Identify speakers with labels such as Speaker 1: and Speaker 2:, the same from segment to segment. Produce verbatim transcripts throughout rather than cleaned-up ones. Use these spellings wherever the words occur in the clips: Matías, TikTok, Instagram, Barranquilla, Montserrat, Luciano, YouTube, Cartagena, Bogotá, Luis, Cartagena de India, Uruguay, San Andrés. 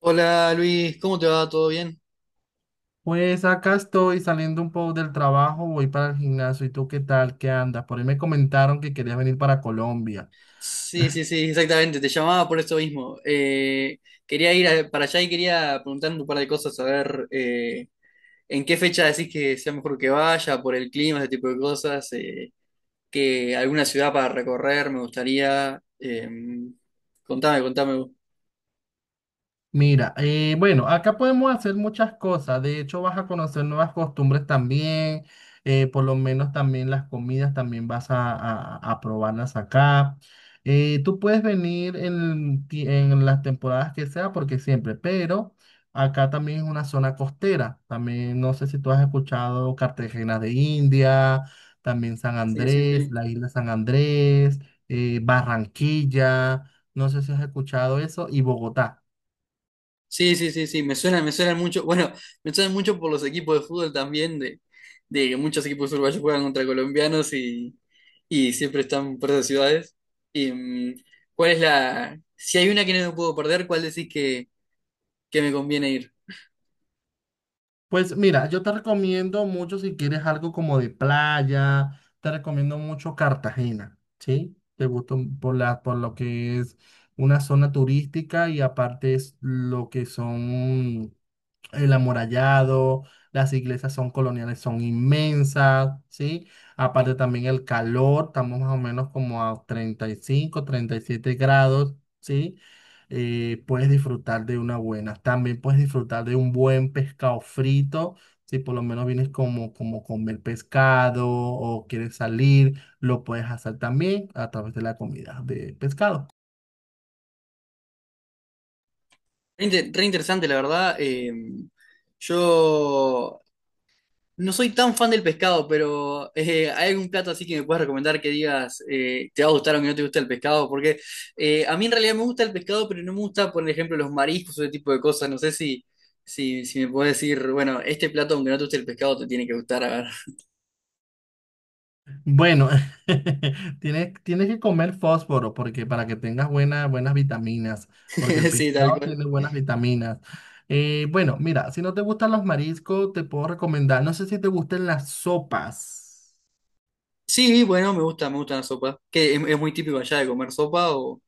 Speaker 1: Hola Luis, ¿cómo te va? ¿Todo bien?
Speaker 2: Pues acá estoy saliendo un poco del trabajo, voy para el gimnasio. ¿Y tú qué tal? ¿Qué andas? Por ahí me comentaron que querías venir para Colombia.
Speaker 1: Sí, sí, sí, exactamente, te llamaba por eso mismo. Eh, quería ir a- para allá y quería preguntar un par de cosas, a ver, eh, ¿en qué fecha decís que sea mejor que vaya, por el clima, ese tipo de cosas? Eh, que alguna ciudad para recorrer me gustaría. Eh, contame, contame.
Speaker 2: Mira, eh, bueno, acá podemos hacer muchas cosas. De hecho, vas a conocer nuevas costumbres también. Eh, por lo menos también las comidas también vas a, a- a probarlas acá. Eh, tú puedes venir en, ti- en las temporadas que sea, porque siempre, pero acá también es una zona costera. También no sé si tú has escuchado Cartagena de India, también San
Speaker 1: Sí, sí,
Speaker 2: Andrés,
Speaker 1: sí.
Speaker 2: la isla San Andrés, eh, Barranquilla. No sé si has escuchado eso y Bogotá.
Speaker 1: Sí, sí, sí, sí, me suena, me suena mucho. Bueno, me suena mucho por los equipos de fútbol también, de, de que muchos equipos uruguayos juegan contra colombianos, y, y siempre están por esas ciudades. Y mm, ¿cuál es la, si hay una que no me puedo perder, cuál decís que, que me conviene ir?
Speaker 2: Pues mira, yo te recomiendo mucho si quieres algo como de playa, te recomiendo mucho Cartagena, ¿sí? Te gusta un- por la, por lo que es una zona turística y aparte es lo que son el amurallado, las iglesias son coloniales, son inmensas, ¿sí? Aparte también el calor, estamos más o menos como a treinta treinta y cinco, treinta y siete grados, ¿sí? Eh, puedes disfrutar de una buena, también puedes disfrutar de un buen pescado frito. Si por lo menos vienes como, como comer pescado o quieres salir, lo puedes hacer también a través de la comida de pescado.
Speaker 1: Re, inter- re interesante, la verdad. Eh, yo No soy tan fan del pescado, pero eh, ¿hay algún plato así que me puedas recomendar que digas, eh, te va a gustar, o que no te gusta el pescado? Porque eh, a mí en realidad me gusta el pescado, pero no me gusta, por ejemplo, los mariscos o ese tipo de cosas. No sé si, si, si me puedes decir, bueno, este plato, aunque no te guste el pescado, te tiene que gustar. A
Speaker 2: Bueno, tienes, tienes que comer fósforo porque para que tengas buena- buenas vitaminas, porque el
Speaker 1: ver, sí, tal
Speaker 2: pescado
Speaker 1: cual.
Speaker 2: tiene buenas vitaminas. Eh, bueno, mira, si no te gustan los mariscos, te puedo recomendar, no sé si te gustan las sopas.
Speaker 1: Sí, bueno, me gusta, me gusta la sopa. ¿Qué, es, es muy típico allá de comer sopa, o,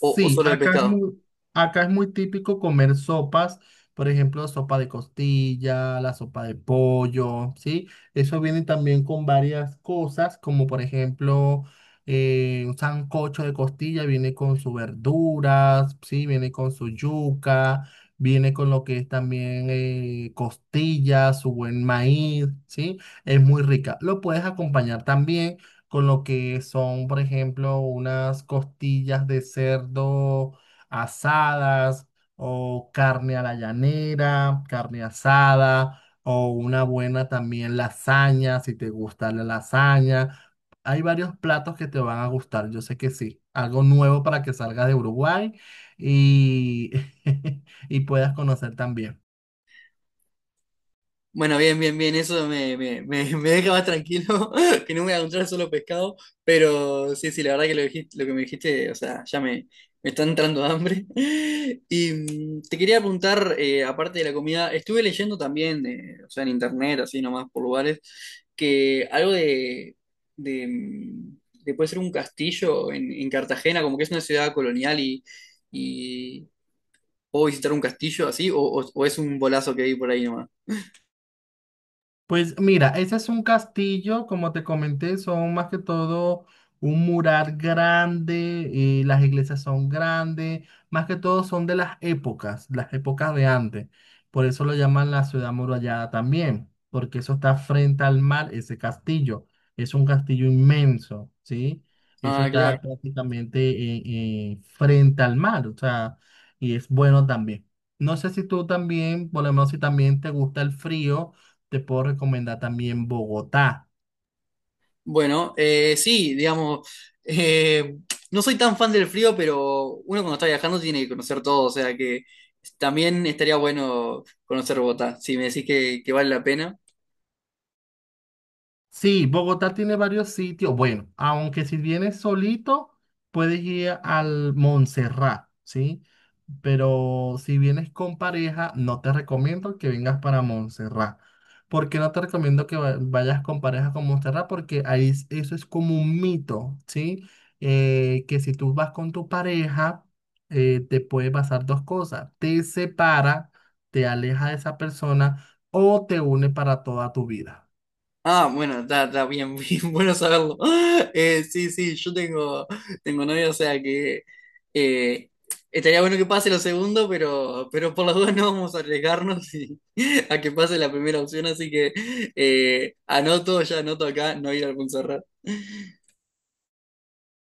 Speaker 1: o, o solo de
Speaker 2: acá es
Speaker 1: pescado?
Speaker 2: muy, acá es muy típico comer sopas, por ejemplo, sopa de costilla, la sopa de pollo, ¿sí? Eso viene también con varias cosas, como por ejemplo, eh, un sancocho de costilla viene con sus verduras, ¿sí? Viene con su yuca, viene con lo que es también eh, costilla, su buen maíz, ¿sí? Es muy rica. Lo puedes acompañar también con lo que son, por ejemplo, unas costillas de cerdo asadas o carne a la llanera, carne asada o una buena también lasaña, si te gusta la lasaña. Hay varios platos que te van a gustar, yo sé que sí. Algo nuevo para que salgas de Uruguay y, y puedas conocer también.
Speaker 1: Bueno, bien, bien, bien, eso me, me, me, me deja más tranquilo, que no me voy a encontrar solo pescado, pero sí, sí, la verdad que lo, dijiste- lo que me dijiste, o sea, ya me, me está entrando hambre. Y mm, te quería preguntar, eh, aparte de la comida, estuve leyendo también, eh, o sea, en internet, así nomás por lugares, que algo de, de, mm, de, puede ser un castillo en, en Cartagena, como que es una ciudad colonial, y, y puedo visitar un castillo así, o, o o es un bolazo que hay por ahí nomás.
Speaker 2: Pues mira, ese es un castillo, como te comenté, son más que todo un mural grande, eh, las iglesias son grandes, más que todo son de las épocas, las épocas de antes. Por eso lo llaman la ciudad murallada también, porque eso está frente al mar, ese castillo. Es un castillo inmenso, ¿sí? Eso
Speaker 1: Ah,
Speaker 2: está
Speaker 1: claro.
Speaker 2: prácticamente eh, eh, frente al mar, o sea, y es bueno también. No sé si tú también, por lo menos si también te gusta el frío. Te puedo recomendar también Bogotá.
Speaker 1: Bueno, eh, sí, digamos, eh, no soy tan fan del frío, pero uno cuando está viajando tiene que conocer todo, o sea que también estaría bueno conocer Bogotá, si me decís que, que vale la pena.
Speaker 2: Sí, Bogotá tiene varios sitios. Bueno, aunque si vienes solito, puedes ir al Montserrat, ¿sí? Pero si vienes con pareja, no te recomiendo que vengas para Montserrat. ¿Por qué no te recomiendo que va- vayas con pareja con Montserrat? Porque ahí es- eso es como un mito, ¿sí? Eh, que si tú vas con tu pareja, eh, te puede pasar dos cosas. Te separa, te aleja de esa persona o te une para toda tu vida.
Speaker 1: Ah, bueno, está, está bien, bien, bueno saberlo. Eh, sí, sí, yo tengo, tengo novia, o sea que eh, estaría bueno que pase lo segundo, pero, pero por las dudas no vamos a arriesgarnos y- a que pase la primera opción, así que eh, anoto, ya anoto acá, no ir al Montserrat.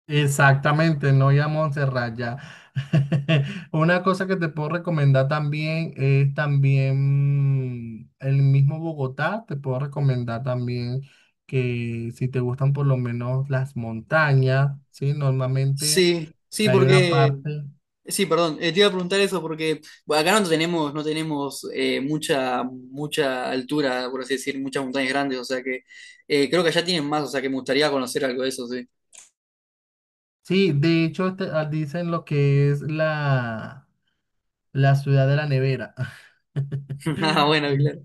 Speaker 2: Exactamente, no ir a Montserrat ya. Una cosa que te puedo recomendar también es también mm, el mismo Bogotá, te puedo recomendar también que si te gustan por lo menos las montañas, ¿sí? Normalmente
Speaker 1: Sí, sí,
Speaker 2: hay una
Speaker 1: porque,
Speaker 2: parte,
Speaker 1: sí, perdón, eh, te iba a preguntar eso porque bueno, acá no tenemos, no tenemos eh, mucha, mucha altura, por así decir, muchas montañas grandes, o sea que eh, creo que allá tienen más, o sea que me gustaría conocer algo de eso, sí.
Speaker 2: sí, de hecho este- ah, dicen lo que es la, la ciudad de la nevera.
Speaker 1: Ah, bueno, claro.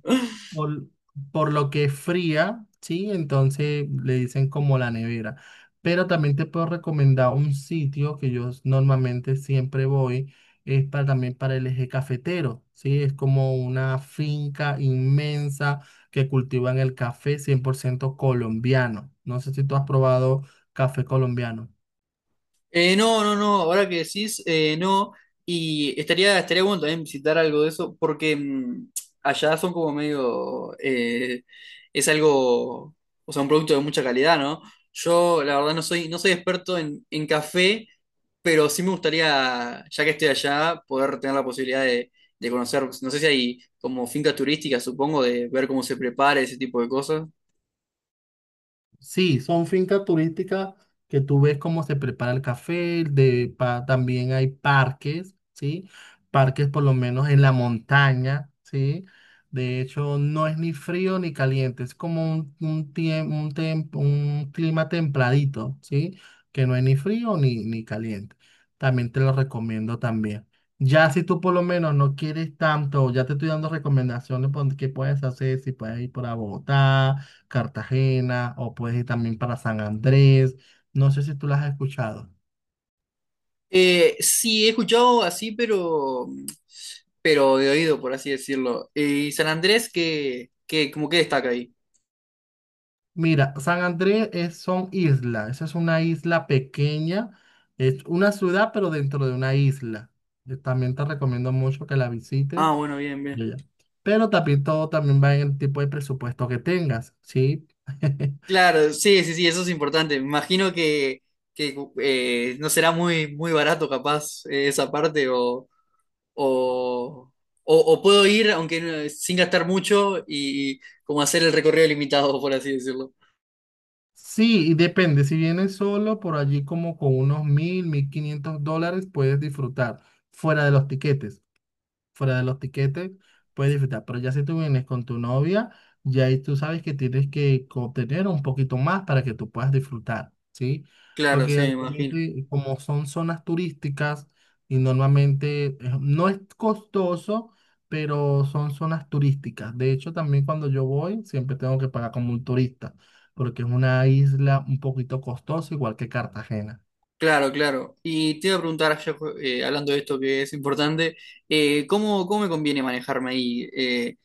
Speaker 2: por, por lo que es fría, ¿sí? Entonces le dicen como la nevera. Pero también te puedo recomendar un sitio que yo normalmente siempre voy, es para, también para el eje cafetero, ¿sí? Es como una finca inmensa que cultivan el café cien por ciento colombiano. No sé si tú has probado café colombiano.
Speaker 1: Eh, no, no, no, ahora que decís, eh, no, y estaría, estaría bueno también visitar algo de eso, porque mm, allá son como medio, eh, es algo, o sea, un producto de mucha calidad, ¿no? Yo, la verdad, no soy, no soy experto en, en café, pero sí me gustaría, ya que estoy allá, poder tener la posibilidad de, de conocer. No sé si hay como fincas turísticas, supongo, de ver cómo se prepara ese tipo de cosas.
Speaker 2: Sí, son fincas turísticas que tú ves cómo se prepara el café, de, pa- también hay parques, ¿sí? Parques por lo menos en la montaña, ¿sí? De hecho, no es ni frío ni caliente, es como un, un, tiem- un, tem- un clima templadito, ¿sí? Que no es ni frío ni, ni caliente. También te lo recomiendo también. Ya si tú por lo menos no quieres tanto, ya te estoy dando recomendaciones por qué puedes hacer, si puedes ir por a Bogotá Cartagena o puedes ir también para San Andrés. No sé si tú las has escuchado.
Speaker 1: Eh, sí, he escuchado así, pero, pero de oído, por así decirlo. Eh, ¿Y San Andrés qué, qué, como que destaca ahí?
Speaker 2: Mira, San Andrés es, son islas. Esa es una isla pequeña. Es una ciudad, pero dentro de una isla. Eh, También te recomiendo mucho que la
Speaker 1: Ah,
Speaker 2: visites.
Speaker 1: bueno, bien, bien.
Speaker 2: Ya. Pero también todo también va en el tipo de presupuesto que tengas, ¿sí?
Speaker 1: Claro, sí, sí, sí, eso es importante. Me imagino que, que eh, no será muy, muy barato capaz, eh, esa parte, o, o, o, o puedo ir, aunque no- sin gastar mucho, y, y como hacer el recorrido limitado, por así decirlo.
Speaker 2: Sí, y depende. Si vienes solo por allí como con unos mil, mil quinientos dólares, puedes disfrutar fuera de los tiquetes. Fuera de los tiquetes, puedes disfrutar. Pero ya si tú vienes con tu novia, ya ahí tú sabes que tienes que obtener un poquito más para que tú puedas disfrutar, ¿sí?
Speaker 1: Claro,
Speaker 2: Porque
Speaker 1: sí, me imagino.
Speaker 2: actualmente, como son zonas turísticas y normalmente eh, no es costoso, pero son zonas turísticas. De hecho, también cuando yo voy, siempre tengo que pagar como un turista, porque es una isla un poquito costosa, igual que Cartagena.
Speaker 1: Claro, claro. Y te iba a preguntar, ya, eh, hablando de esto que es importante, eh, ¿cómo, cómo me conviene manejarme ahí? Eh,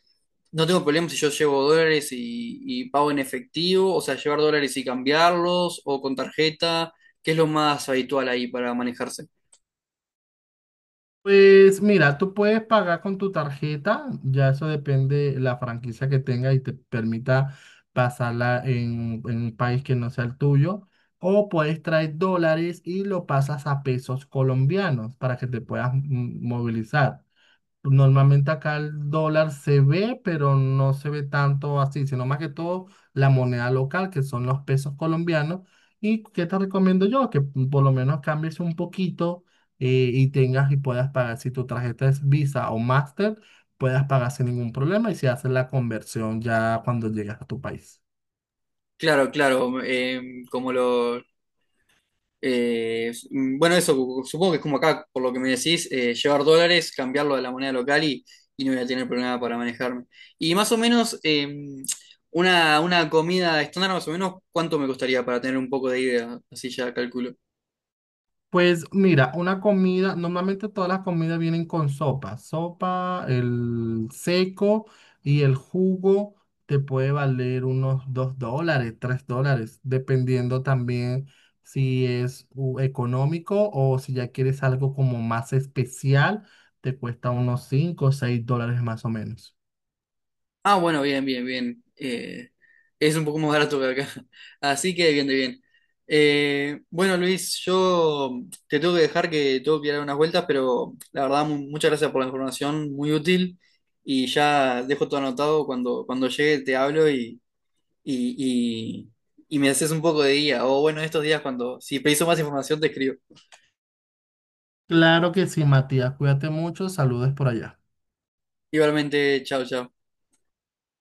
Speaker 1: No tengo problema si yo llevo dólares y, y pago en efectivo, o sea, llevar dólares y cambiarlos, o con tarjeta. ¿Qué es lo más habitual ahí para manejarse?
Speaker 2: Pues mira, tú puedes pagar con tu tarjeta, ya eso depende de la franquicia que tenga y te permita pasarla en, en un país que no sea el tuyo, o puedes traer dólares y lo pasas a pesos colombianos para que te puedas mm, movilizar. Normalmente acá el dólar se ve, pero no se ve tanto así, sino más que todo la moneda local, que son los pesos colombianos. ¿Y qué te recomiendo yo? Que por lo menos cambies un poquito eh, y tengas y puedas pagar. Si tu tarjeta es Visa o Master, puedas pagar sin ningún problema y se hace la conversión ya cuando llegas a tu país.
Speaker 1: Claro, claro, eh, como lo, eh, mm, bueno, eso supongo que es como acá, por lo que me decís, eh, llevar dólares, cambiarlo a la moneda local, y, y no voy a tener problema para manejarme. Y más o menos, eh, una, una comida estándar, más o menos, ¿cuánto me costaría para tener un poco de idea? Así ya calculo.
Speaker 2: Pues mira, una comida, normalmente todas las comidas vienen con sopa. Sopa, el seco y el jugo te puede valer unos dos dólares, tres dólares, dependiendo también si es u- económico o si ya quieres algo como más especial, te cuesta unos cinco o seis dólares más o menos.
Speaker 1: Ah, bueno, bien, bien, bien. Eh, es un poco más barato que acá. Así que bien, de bien. Eh, bueno, Luis, yo te tengo que dejar que tengo que ir a dar unas vueltas, pero la verdad, mu- muchas gracias por la información, muy útil. Y ya dejo todo anotado. Cuando, cuando llegue te hablo, y, y, y, y me haces un poco de guía. O bueno, estos días cuando, si preciso más información, te escribo.
Speaker 2: Claro que sí, Matías, cuídate mucho, saludos por allá.
Speaker 1: Igualmente, chao, chao.